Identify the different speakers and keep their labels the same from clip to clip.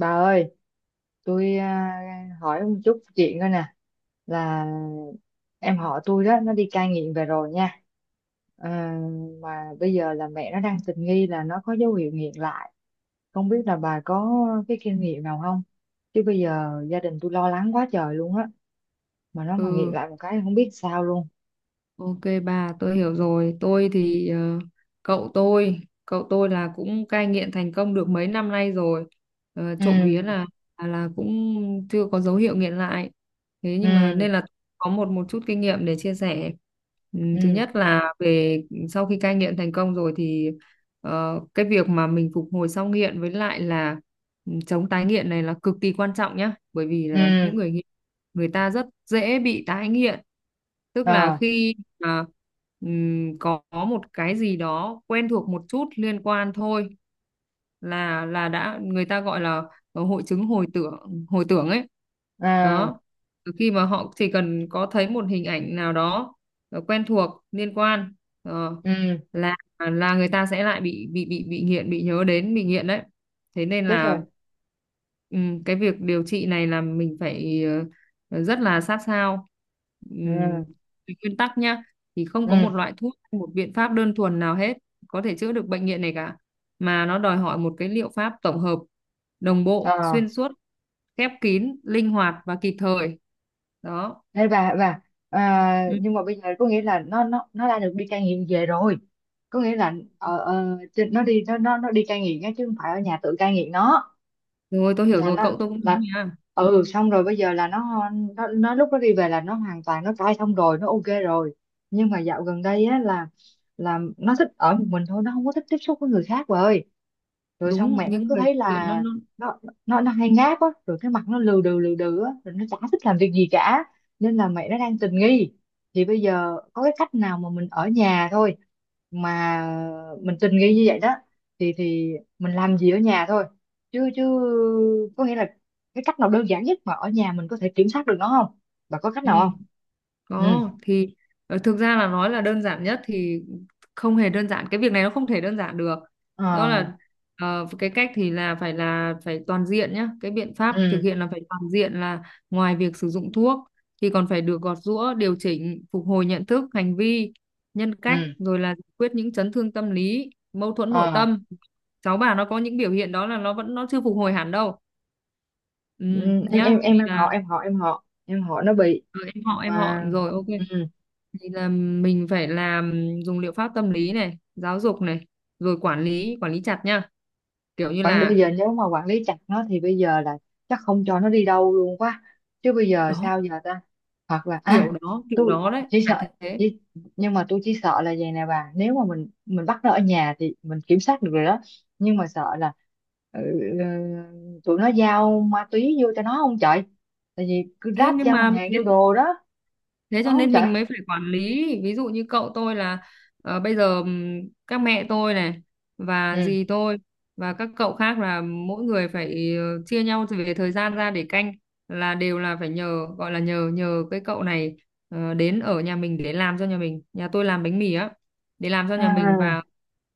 Speaker 1: Bà ơi, hỏi một chút chuyện coi nè, là em họ tôi đó, nó đi cai nghiện về rồi nha. Ờ, mà bây giờ là mẹ nó đang tình nghi là nó có dấu hiệu nghiện lại, không biết là bà có cái kinh nghiệm nào không, chứ bây giờ gia đình tôi lo lắng quá trời luôn á, mà nó mà nghiện
Speaker 2: Ừ,
Speaker 1: lại một cái không biết sao luôn.
Speaker 2: Ok bà, tôi hiểu rồi. Tôi thì cậu tôi, cậu tôi là cũng cai nghiện thành công được mấy năm nay rồi. Trộm vía
Speaker 1: ừ
Speaker 2: là cũng chưa có dấu hiệu nghiện lại. Thế nhưng mà
Speaker 1: ừ
Speaker 2: nên là có một một chút kinh nghiệm để chia sẻ. Ừ, thứ
Speaker 1: ừ
Speaker 2: nhất là về sau khi cai nghiện thành công rồi thì cái việc mà mình phục hồi sau nghiện với lại là chống tái nghiện này là cực kỳ quan trọng nhá, bởi vì là
Speaker 1: ừ
Speaker 2: những người nghiện người ta rất dễ bị tái nghiện, tức là
Speaker 1: ờ
Speaker 2: khi à, có một cái gì đó quen thuộc một chút liên quan thôi là đã người ta gọi là hội chứng hồi tưởng ấy
Speaker 1: à,
Speaker 2: đó. Từ khi mà họ chỉ cần có thấy một hình ảnh nào đó quen thuộc liên quan, ờ,
Speaker 1: ừ
Speaker 2: là người ta sẽ lại bị nghiện, bị nhớ đến bị nghiện đấy. Thế nên
Speaker 1: Chết
Speaker 2: là
Speaker 1: rồi.
Speaker 2: ừ, cái việc điều trị này là mình phải rất là sát sao. Ừm,
Speaker 1: ừ
Speaker 2: Về nguyên tắc nhá, thì không có một
Speaker 1: ừ
Speaker 2: loại thuốc, một biện pháp đơn thuần nào hết có thể chữa được bệnh nghiện này cả, mà nó đòi hỏi một cái liệu pháp tổng hợp, đồng
Speaker 1: ờ
Speaker 2: bộ, xuyên suốt, khép kín, linh hoạt và kịp thời. Đó.
Speaker 1: Đấy, và
Speaker 2: Ừ.
Speaker 1: nhưng mà bây giờ có nghĩa là nó đã được đi cai nghiện về rồi, có nghĩa là nó đi nó đi cai nghiện á chứ không phải ở nhà tự cai nghiện nó,
Speaker 2: Rồi tôi hiểu
Speaker 1: là
Speaker 2: rồi,
Speaker 1: nó
Speaker 2: cậu tôi cũng thế
Speaker 1: là
Speaker 2: mà.
Speaker 1: ừ, xong rồi bây giờ là nó lúc nó đi về là nó hoàn toàn nó cai xong rồi, nó ok rồi. Nhưng mà dạo gần đây á là nó thích ở một mình thôi, nó không có thích tiếp xúc với người khác rồi. Rồi xong
Speaker 2: Đúng
Speaker 1: mẹ nó
Speaker 2: những
Speaker 1: cứ
Speaker 2: người
Speaker 1: thấy
Speaker 2: chuyện nó
Speaker 1: là
Speaker 2: nó
Speaker 1: nó nó hay ngáp á, rồi cái mặt nó lừ đừ á, rồi nó chả thích làm việc gì cả, nên là mẹ nó đang tình nghi. Thì bây giờ có cái cách nào mà mình ở nhà thôi, mà mình tình nghi như vậy đó, thì mình làm gì ở nhà thôi, chứ chứ có nghĩa là cái cách nào đơn giản nhất mà ở nhà mình có thể kiểm soát được nó không, bà có cách
Speaker 2: ừ.
Speaker 1: nào không? ừ
Speaker 2: Có thì thực ra là nói là đơn giản nhất thì không hề đơn giản, cái việc này nó không thể đơn giản được, đó
Speaker 1: ờ
Speaker 2: là cái cách thì là phải toàn diện nhá, cái biện pháp thực
Speaker 1: ừ
Speaker 2: hiện là phải toàn diện, là ngoài việc sử dụng thuốc thì còn phải được gọt giũa điều chỉnh phục hồi nhận thức hành vi nhân cách,
Speaker 1: ừ
Speaker 2: rồi là giải quyết những chấn thương tâm lý mâu thuẫn nội
Speaker 1: ờ
Speaker 2: tâm. Cháu bà nó có những biểu hiện đó là nó vẫn, nó chưa phục hồi hẳn đâu. Ừ,
Speaker 1: ừ.
Speaker 2: nhá thì
Speaker 1: Em họ
Speaker 2: là
Speaker 1: em họ em họ Em họ nó bị,
Speaker 2: ờ, em họ
Speaker 1: mà
Speaker 2: rồi ok.
Speaker 1: ừ.
Speaker 2: Thì là mình phải làm, dùng liệu pháp tâm lý này, giáo dục này, rồi quản lý chặt nha, kiểu như
Speaker 1: Bây
Speaker 2: là
Speaker 1: giờ nếu mà quản lý chặt nó thì bây giờ là chắc không cho nó đi đâu luôn quá, chứ bây giờ
Speaker 2: đó,
Speaker 1: sao giờ ta, hoặc là
Speaker 2: kiểu đó kiểu
Speaker 1: tôi
Speaker 2: đó đấy
Speaker 1: chỉ sợ,
Speaker 2: phải thế.
Speaker 1: chỉ, nhưng mà tôi chỉ sợ là vậy nè bà, nếu mà mình bắt nó ở nhà thì mình kiểm soát được rồi đó, nhưng mà sợ là ừ, ừ, tụi nó giao ma túy vô cho nó không trời, tại vì cứ
Speaker 2: Thế
Speaker 1: ráp
Speaker 2: nhưng
Speaker 1: giao
Speaker 2: mà
Speaker 1: hàng
Speaker 2: thế
Speaker 1: giao đồ đó
Speaker 2: thế
Speaker 1: có
Speaker 2: cho
Speaker 1: không
Speaker 2: nên
Speaker 1: trời?
Speaker 2: mình mới phải quản lý, ví dụ như cậu tôi là bây giờ, các mẹ tôi này và
Speaker 1: ừ
Speaker 2: dì tôi và các cậu khác là mỗi người phải chia nhau về thời gian ra để canh, là đều là phải nhờ, gọi là nhờ, cái cậu này đến ở nhà mình để làm cho nhà mình, nhà tôi làm bánh mì á, để làm cho nhà mình,
Speaker 1: à
Speaker 2: và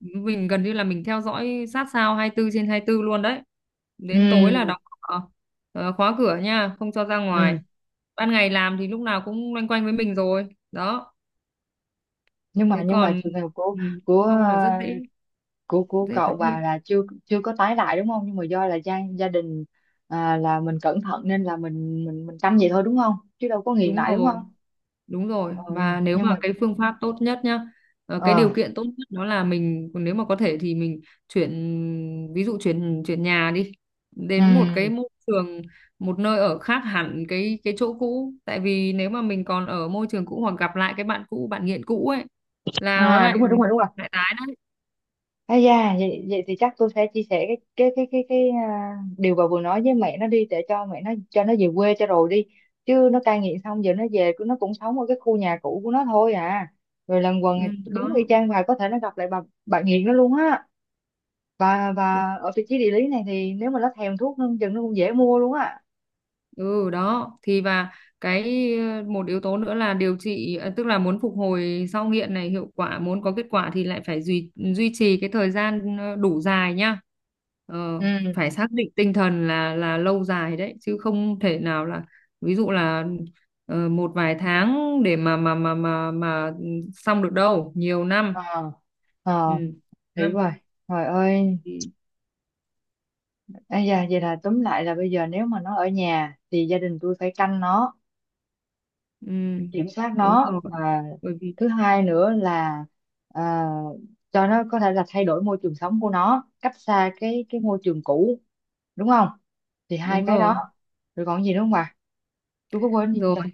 Speaker 2: mình gần như là mình theo dõi sát sao 24/24 luôn đấy. Đến tối
Speaker 1: ừ
Speaker 2: là Ờ, khóa cửa nha, không cho ra ngoài.
Speaker 1: ừ
Speaker 2: Ban ngày làm thì lúc nào cũng loanh quanh với mình rồi. Đó,
Speaker 1: nhưng mà
Speaker 2: thế còn
Speaker 1: trường hợp của
Speaker 2: ừ,
Speaker 1: của
Speaker 2: không là rất
Speaker 1: ờ,
Speaker 2: dễ
Speaker 1: của
Speaker 2: dễ tái
Speaker 1: cậu bà
Speaker 2: nghiện.
Speaker 1: là chưa chưa có tái lại đúng không, nhưng mà do là gia gia đình à, là mình cẩn thận nên là mình canh vậy thôi đúng không, chứ đâu có nghiền
Speaker 2: Đúng
Speaker 1: lại đúng
Speaker 2: rồi,
Speaker 1: không?
Speaker 2: đúng rồi.
Speaker 1: ừ,
Speaker 2: Và nếu
Speaker 1: nhưng
Speaker 2: mà
Speaker 1: mà
Speaker 2: cái phương pháp tốt nhất nhá, cái
Speaker 1: ờ
Speaker 2: điều kiện tốt nhất đó là mình nếu mà có thể thì mình chuyển, ví dụ chuyển chuyển nhà đi,
Speaker 1: ừ.
Speaker 2: đến một cái môi trường, một nơi ở khác hẳn cái chỗ cũ, tại vì nếu mà mình còn ở môi trường cũ hoặc gặp lại cái bạn cũ, bạn nghiện cũ ấy là nó
Speaker 1: à,
Speaker 2: lại
Speaker 1: đúng rồi, đúng rồi, đúng rồi.
Speaker 2: lại tái đấy.
Speaker 1: À da, vậy, vậy thì chắc tôi sẽ chia sẻ cái điều bà vừa nói với mẹ nó đi, để cho mẹ nó cho nó về quê cho rồi đi, chứ nó cai nghiện xong giờ nó về nó cũng sống ở cái khu nhà cũ của nó thôi à, rồi lần quần
Speaker 2: Ừ, đó
Speaker 1: đúng y chang, bà có thể nó gặp lại bà nghiện nó luôn á. và
Speaker 2: đúng.
Speaker 1: và ở vị trí địa lý này thì nếu mà nó thèm thuốc nó chừng nó cũng dễ mua luôn á.
Speaker 2: Ừ đó thì, và cái một yếu tố nữa là điều trị, tức là muốn phục hồi sau nghiện này hiệu quả, muốn có kết quả thì lại phải duy duy trì cái thời gian đủ dài nhá. ờ,
Speaker 1: ừ
Speaker 2: Phải xác định tinh thần là lâu dài đấy, chứ không thể nào là ví dụ là một vài tháng để mà xong được đâu, nhiều năm.
Speaker 1: ờ
Speaker 2: Ừ
Speaker 1: ờ Hiểu
Speaker 2: năm
Speaker 1: rồi. Trời ơi!
Speaker 2: thì
Speaker 1: À da, vậy là tóm lại là bây giờ nếu mà nó ở nhà thì gia đình tôi phải canh nó,
Speaker 2: ừ,
Speaker 1: kiểm soát
Speaker 2: đúng
Speaker 1: nó,
Speaker 2: rồi,
Speaker 1: và
Speaker 2: bởi vì
Speaker 1: thứ hai nữa là à, cho nó có thể là thay đổi môi trường sống của nó, cách xa cái môi trường cũ đúng không, thì hai
Speaker 2: đúng
Speaker 1: cái đó.
Speaker 2: rồi.
Speaker 1: Rồi còn gì nữa không bà, tôi có quên gì không
Speaker 2: Rồi
Speaker 1: trời?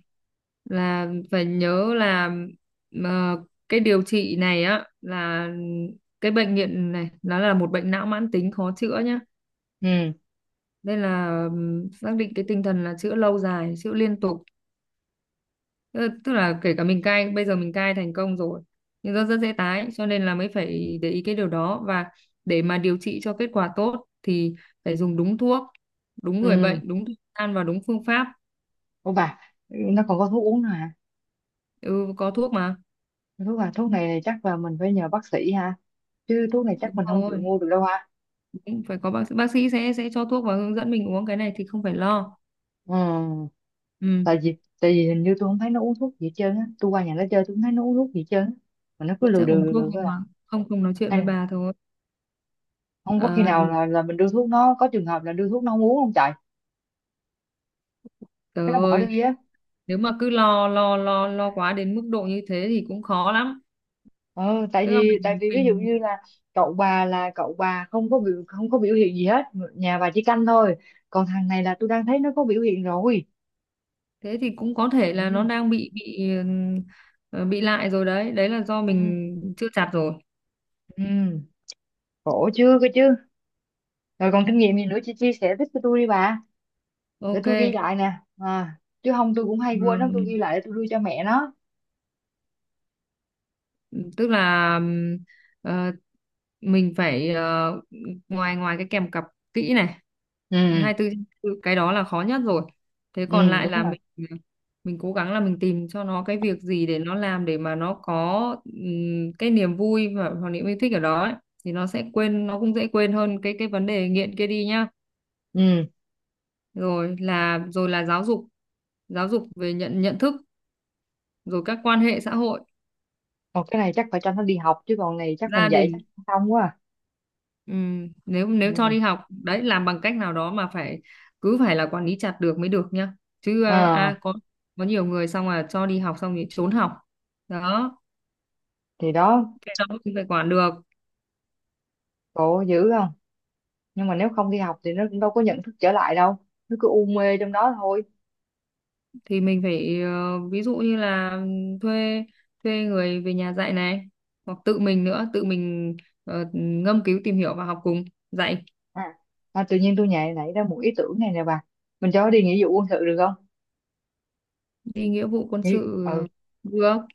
Speaker 2: là phải nhớ là ờ, cái điều trị này á, là cái bệnh nghiện này nó là một bệnh não mãn tính khó chữa nhá,
Speaker 1: ừ
Speaker 2: nên là xác định cái tinh thần là chữa lâu dài, chữa liên tục. Tức, là kể cả mình cai, bây giờ mình cai thành công rồi nhưng rất rất dễ tái, cho nên là mới phải để ý cái điều đó. Và để mà điều trị cho kết quả tốt thì phải dùng đúng thuốc, đúng người bệnh,
Speaker 1: ừ
Speaker 2: đúng thời gian và đúng phương pháp.
Speaker 1: Ô bà, nó còn có thuốc uống nữa hả?
Speaker 2: Ừ, có thuốc mà.
Speaker 1: Thuốc à, thuốc này chắc là mình phải nhờ bác sĩ ha, chứ thuốc này chắc
Speaker 2: Đúng
Speaker 1: mình không tự
Speaker 2: rồi,
Speaker 1: mua được đâu ha?
Speaker 2: cũng phải có bác sĩ, sẽ cho thuốc và hướng dẫn mình uống, cái này thì không phải lo.
Speaker 1: ừ
Speaker 2: Ừ
Speaker 1: Tại vì hình như tôi không thấy nó uống thuốc gì hết trơn á, tôi qua nhà nó chơi tôi không thấy nó uống thuốc gì hết trơn á, mà nó cứ
Speaker 2: mà chắc uống
Speaker 1: lừa
Speaker 2: thuốc,
Speaker 1: đừ thôi.
Speaker 2: nhưng mà không không nói chuyện với
Speaker 1: À,
Speaker 2: bà thôi.
Speaker 1: không có khi
Speaker 2: Ờ,
Speaker 1: nào là mình đưa thuốc nó có trường hợp là đưa thuốc nó không uống không trời,
Speaker 2: Trời
Speaker 1: cái nó bỏ
Speaker 2: ơi,
Speaker 1: đi á.
Speaker 2: nếu mà cứ lo lo lo lo quá đến mức độ như thế thì cũng khó lắm.
Speaker 1: Ờ, Tại
Speaker 2: Tức là
Speaker 1: vì ví dụ
Speaker 2: mình
Speaker 1: như là cậu bà không có biểu không có biểu hiện gì hết, nhà bà chỉ canh thôi, còn thằng này là tôi đang thấy nó có biểu hiện rồi.
Speaker 2: thế thì cũng có thể là nó
Speaker 1: ừ,
Speaker 2: đang bị, bị lại rồi đấy đấy là do
Speaker 1: Ừ.
Speaker 2: mình chưa chặt rồi.
Speaker 1: Ừ, khổ chưa cơ chứ. Rồi còn kinh nghiệm gì nữa chị chia sẻ tiếp cho tôi đi bà, để
Speaker 2: Ok.
Speaker 1: tôi ghi lại nè, à, chứ không tôi cũng hay quên lắm, tôi
Speaker 2: ừ,
Speaker 1: ghi lại để tôi đưa cho mẹ nó.
Speaker 2: Tức là ờ, mình phải ngoài ngoài cái kèm cặp kỹ này,
Speaker 1: ừ
Speaker 2: 24/24, cái đó là khó nhất rồi. Thế còn
Speaker 1: ừ
Speaker 2: lại
Speaker 1: Đúng
Speaker 2: là
Speaker 1: rồi.
Speaker 2: mình ờ, mình cố gắng là mình tìm cho nó cái việc gì để nó làm, để mà nó có cái niềm vui và hoặc niềm yêu thích ở đó ấy. Thì nó sẽ quên, nó cũng dễ quên hơn cái vấn đề nghiện kia đi nhá.
Speaker 1: ừ
Speaker 2: Rồi là giáo dục, về nhận nhận thức, rồi các quan hệ xã hội,
Speaker 1: Còn cái này chắc phải cho nó đi học, chứ còn này chắc mình
Speaker 2: gia
Speaker 1: dạy
Speaker 2: đình.
Speaker 1: chắc không quá à.
Speaker 2: Ừ, nếu nếu cho
Speaker 1: ừ
Speaker 2: đi học đấy, làm bằng cách nào đó mà phải cứ phải là quản lý chặt được mới được nhá, chứ
Speaker 1: à,
Speaker 2: có, nhiều người xong là cho đi học xong thì trốn học đó.
Speaker 1: thì đó,
Speaker 2: Cái đó mình phải quản được,
Speaker 1: khổ dữ không. Nhưng mà nếu không đi học thì nó cũng đâu có nhận thức trở lại đâu, nó cứ u mê trong đó thôi.
Speaker 2: thì mình phải ví dụ như là thuê, người về nhà dạy này, hoặc tự mình nữa, tự mình ngâm cứu tìm hiểu và học cùng dạy.
Speaker 1: à, À, tự nhiên tôi nảy ra một ý tưởng này nè bà, mình cho nó đi nghĩa vụ quân sự được không?
Speaker 2: Đi nghĩa vụ quân sự
Speaker 1: Ừ,
Speaker 2: được,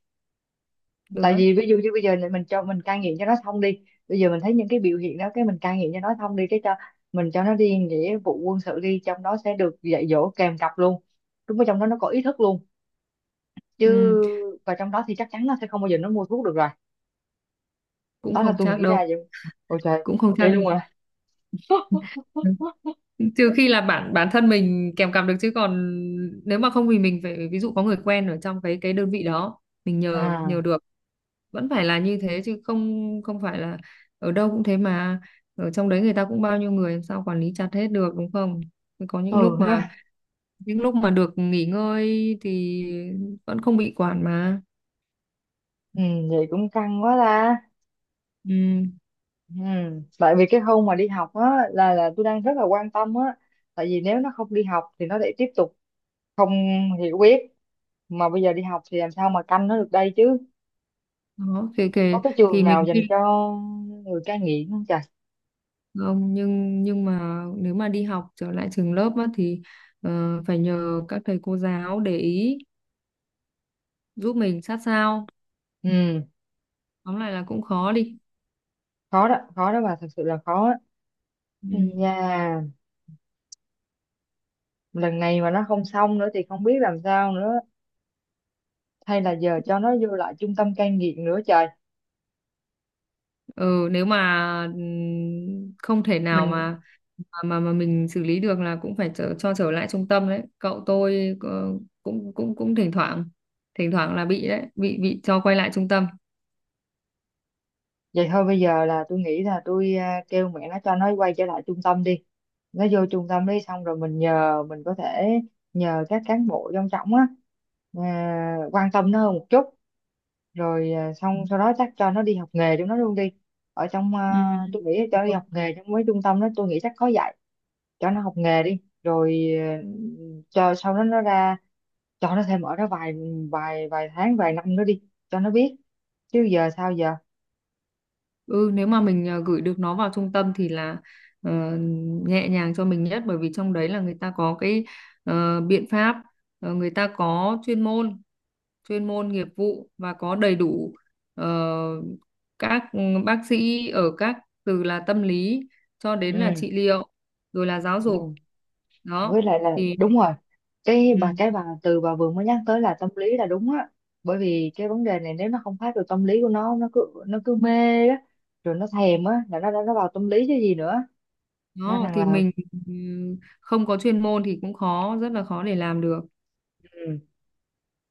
Speaker 1: tại
Speaker 2: á.
Speaker 1: vì ví dụ như bây giờ này mình cho mình cai nghiện cho nó xong đi, bây giờ mình thấy những cái biểu hiện đó, cái mình cai nghiện cho nó xong đi, cái cho mình cho nó đi nghĩa vụ quân sự đi, trong đó sẽ được dạy dỗ kèm cặp luôn, đúng ở trong đó nó có ý thức luôn
Speaker 2: Ừ,
Speaker 1: chứ. Và trong đó thì chắc chắn nó sẽ không bao giờ nó mua thuốc được rồi,
Speaker 2: cũng
Speaker 1: đó là
Speaker 2: không
Speaker 1: tôi
Speaker 2: chắc
Speaker 1: nghĩ ra
Speaker 2: đâu,
Speaker 1: vậy. Ôi trời,
Speaker 2: cũng không chắc
Speaker 1: vậy
Speaker 2: đâu.
Speaker 1: luôn.
Speaker 2: Trừ khi là bản bản thân mình kèm cặp được, chứ còn nếu mà không thì mình phải ví dụ có người quen ở trong cái đơn vị đó, mình nhờ,
Speaker 1: À
Speaker 2: được. Vẫn phải là như thế chứ không không phải là ở đâu cũng thế mà. Ở trong đấy người ta cũng bao nhiêu người, làm sao quản lý chặt hết được đúng không, có những lúc
Speaker 1: ừ
Speaker 2: mà,
Speaker 1: ha
Speaker 2: được nghỉ ngơi thì vẫn không bị quản mà.
Speaker 1: Ừ, vậy cũng căng quá ta.
Speaker 2: Ừ.
Speaker 1: Ừ. Tại vì cái khâu mà đi học á là tôi đang rất là quan tâm á, tại vì nếu nó không đi học thì nó lại tiếp tục không hiểu biết, mà bây giờ đi học thì làm sao mà canh nó được đây chứ,
Speaker 2: Đó kể
Speaker 1: có
Speaker 2: kể
Speaker 1: cái trường
Speaker 2: thì
Speaker 1: nào
Speaker 2: mình
Speaker 1: dành
Speaker 2: khi
Speaker 1: cho người cai nghiện không trời?
Speaker 2: không, nhưng mà nếu mà đi học trở lại trường lớp á, thì phải nhờ các thầy cô giáo để ý giúp mình sát sao.
Speaker 1: ừ
Speaker 2: Tóm lại là cũng khó đi.
Speaker 1: Khó đó, khó đó bà, thật sự là khó á.
Speaker 2: Ừ.
Speaker 1: Nhà, lần này mà nó không xong nữa thì không biết làm sao nữa, hay là giờ cho nó vô lại trung tâm cai nghiện nữa trời.
Speaker 2: Ừ nếu mà không thể nào
Speaker 1: mình
Speaker 2: mà mình xử lý được, là cũng phải cho trở lại trung tâm đấy. Cậu tôi cũng cũng cũng thỉnh thoảng, là bị đấy, bị cho quay lại trung tâm.
Speaker 1: Vậy thôi bây giờ là tôi nghĩ là kêu mẹ nó cho nó quay trở lại trung tâm đi. Nó vô trung tâm đi xong rồi mình nhờ, mình có thể nhờ các cán bộ trong trọng á quan tâm nó hơn một chút, rồi xong sau đó chắc cho nó đi học nghề chúng nó luôn đi. Ở trong
Speaker 2: Ừ.
Speaker 1: tôi nghĩ cho
Speaker 2: Đúng
Speaker 1: nó đi
Speaker 2: rồi.
Speaker 1: học nghề trong mấy trung tâm đó, tôi nghĩ chắc có dạy cho nó học nghề đi, rồi cho sau đó nó ra, cho nó thêm ở đó vài vài vài tháng vài năm nữa đi cho nó biết, chứ giờ sao giờ.
Speaker 2: Ừ nếu mà mình gửi được nó vào trung tâm thì là ờ, nhẹ nhàng cho mình nhất, bởi vì trong đấy là người ta có cái biện pháp, người ta có chuyên môn, nghiệp vụ và có đầy đủ ờ, các bác sĩ ở các, từ là tâm lý cho đến là
Speaker 1: ừ
Speaker 2: trị liệu, rồi là giáo
Speaker 1: ừ
Speaker 2: dục
Speaker 1: với
Speaker 2: đó.
Speaker 1: lại là
Speaker 2: Thì
Speaker 1: đúng rồi,
Speaker 2: ừ,
Speaker 1: cái bà từ bà vừa mới nhắc tới là tâm lý là đúng á, bởi vì cái vấn đề này nếu nó không phát được tâm lý của nó, nó cứ mê á, rồi nó thèm á là nó đã nó vào tâm lý chứ gì nữa, nên
Speaker 2: đó
Speaker 1: rằng
Speaker 2: thì
Speaker 1: là
Speaker 2: mình ừ, không có chuyên môn thì cũng khó, rất là khó để làm được.
Speaker 1: ừ,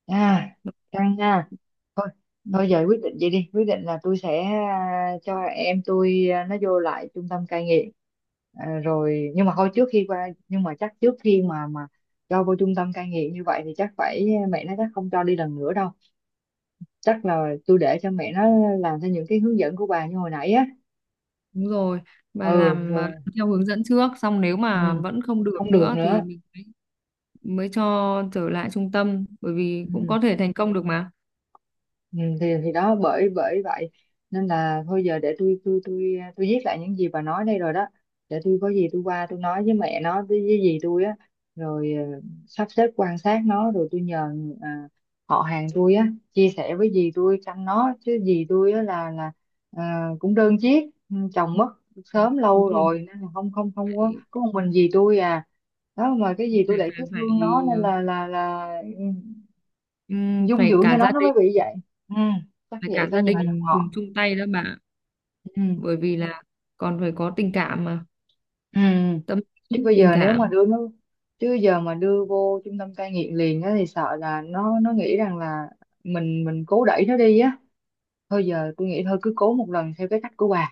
Speaker 1: à căng nha. Thôi,
Speaker 2: Ừ,
Speaker 1: thôi giờ quyết định vậy đi, quyết định là tôi sẽ cho em tôi nó vô lại trung tâm cai nghiện. À rồi, nhưng mà thôi trước khi qua, nhưng mà chắc trước khi mà cho vô trung tâm cai nghiện như vậy thì chắc phải, mẹ nó chắc không cho đi lần nữa đâu, chắc là tôi để cho mẹ nó làm theo những cái hướng dẫn của bà như hồi nãy á.
Speaker 2: đúng rồi, và
Speaker 1: Ừ
Speaker 2: làm
Speaker 1: rồi
Speaker 2: theo hướng dẫn trước, xong nếu
Speaker 1: Ừ,
Speaker 2: mà vẫn không được
Speaker 1: không được
Speaker 2: nữa thì
Speaker 1: nữa.
Speaker 2: mình mới cho trở lại trung tâm, bởi vì
Speaker 1: ừ
Speaker 2: cũng có thể thành công được mà.
Speaker 1: Ừ, thì đó bởi bởi vậy nên là thôi giờ để tôi viết lại những gì bà nói đây rồi đó, để tôi có gì tôi qua tôi nói với mẹ nó với dì tôi á, rồi sắp xếp quan sát nó, rồi tôi nhờ à, họ hàng tôi á chia sẻ với dì tôi chăm nó, chứ dì tôi á là ờ, cũng đơn chiếc, ừ, chồng mất
Speaker 2: Ừ,
Speaker 1: sớm lâu
Speaker 2: đúng rồi,
Speaker 1: rồi nên là không không không có
Speaker 2: phải,
Speaker 1: có một mình dì tôi à. Đó, mà cái gì tôi lại cứ
Speaker 2: phải.
Speaker 1: thương nó nên là là ừ, dung
Speaker 2: Phải
Speaker 1: dưỡng cho
Speaker 2: cả gia
Speaker 1: nó mới
Speaker 2: đình,
Speaker 1: bị vậy. Ừ, chắc vậy phải nhờ dòng
Speaker 2: cùng
Speaker 1: họ.
Speaker 2: chung tay đó bà.
Speaker 1: Ừ.
Speaker 2: Bởi vì là còn phải có tình cảm mà,
Speaker 1: Ừ,
Speaker 2: tâm lý
Speaker 1: chứ bây
Speaker 2: tình
Speaker 1: giờ nếu mà
Speaker 2: cảm.
Speaker 1: đưa nó, chứ giờ mà đưa vô trung tâm cai nghiện liền á thì sợ là nó nghĩ rằng là mình cố đẩy nó đi á. Thôi giờ tôi nghĩ thôi cứ cố một lần theo cái cách của bà,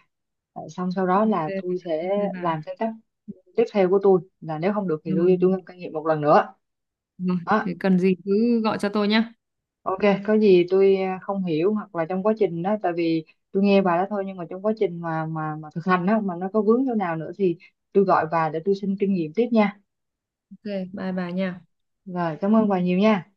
Speaker 1: rồi xong sau đó
Speaker 2: Ok,
Speaker 1: là tôi
Speaker 2: ok
Speaker 1: sẽ
Speaker 2: bà,
Speaker 1: làm theo cách tiếp theo của tôi, là nếu không được thì
Speaker 2: rồi
Speaker 1: đưa
Speaker 2: rồi
Speaker 1: vô trung tâm cai nghiện một lần nữa.
Speaker 2: rồi.
Speaker 1: Đó.
Speaker 2: Thế cần gì cứ gọi cho tôi nhá.
Speaker 1: Ok, có gì tôi không hiểu hoặc là trong quá trình đó, tại vì tôi nghe bà đó thôi, nhưng mà trong quá trình mà thực hành đó mà nó có vướng chỗ nào nữa thì tôi gọi bà để tôi xin kinh nghiệm tiếp nha.
Speaker 2: Ok, bye bà nha.
Speaker 1: Rồi, cảm ơn bà nhiều nha.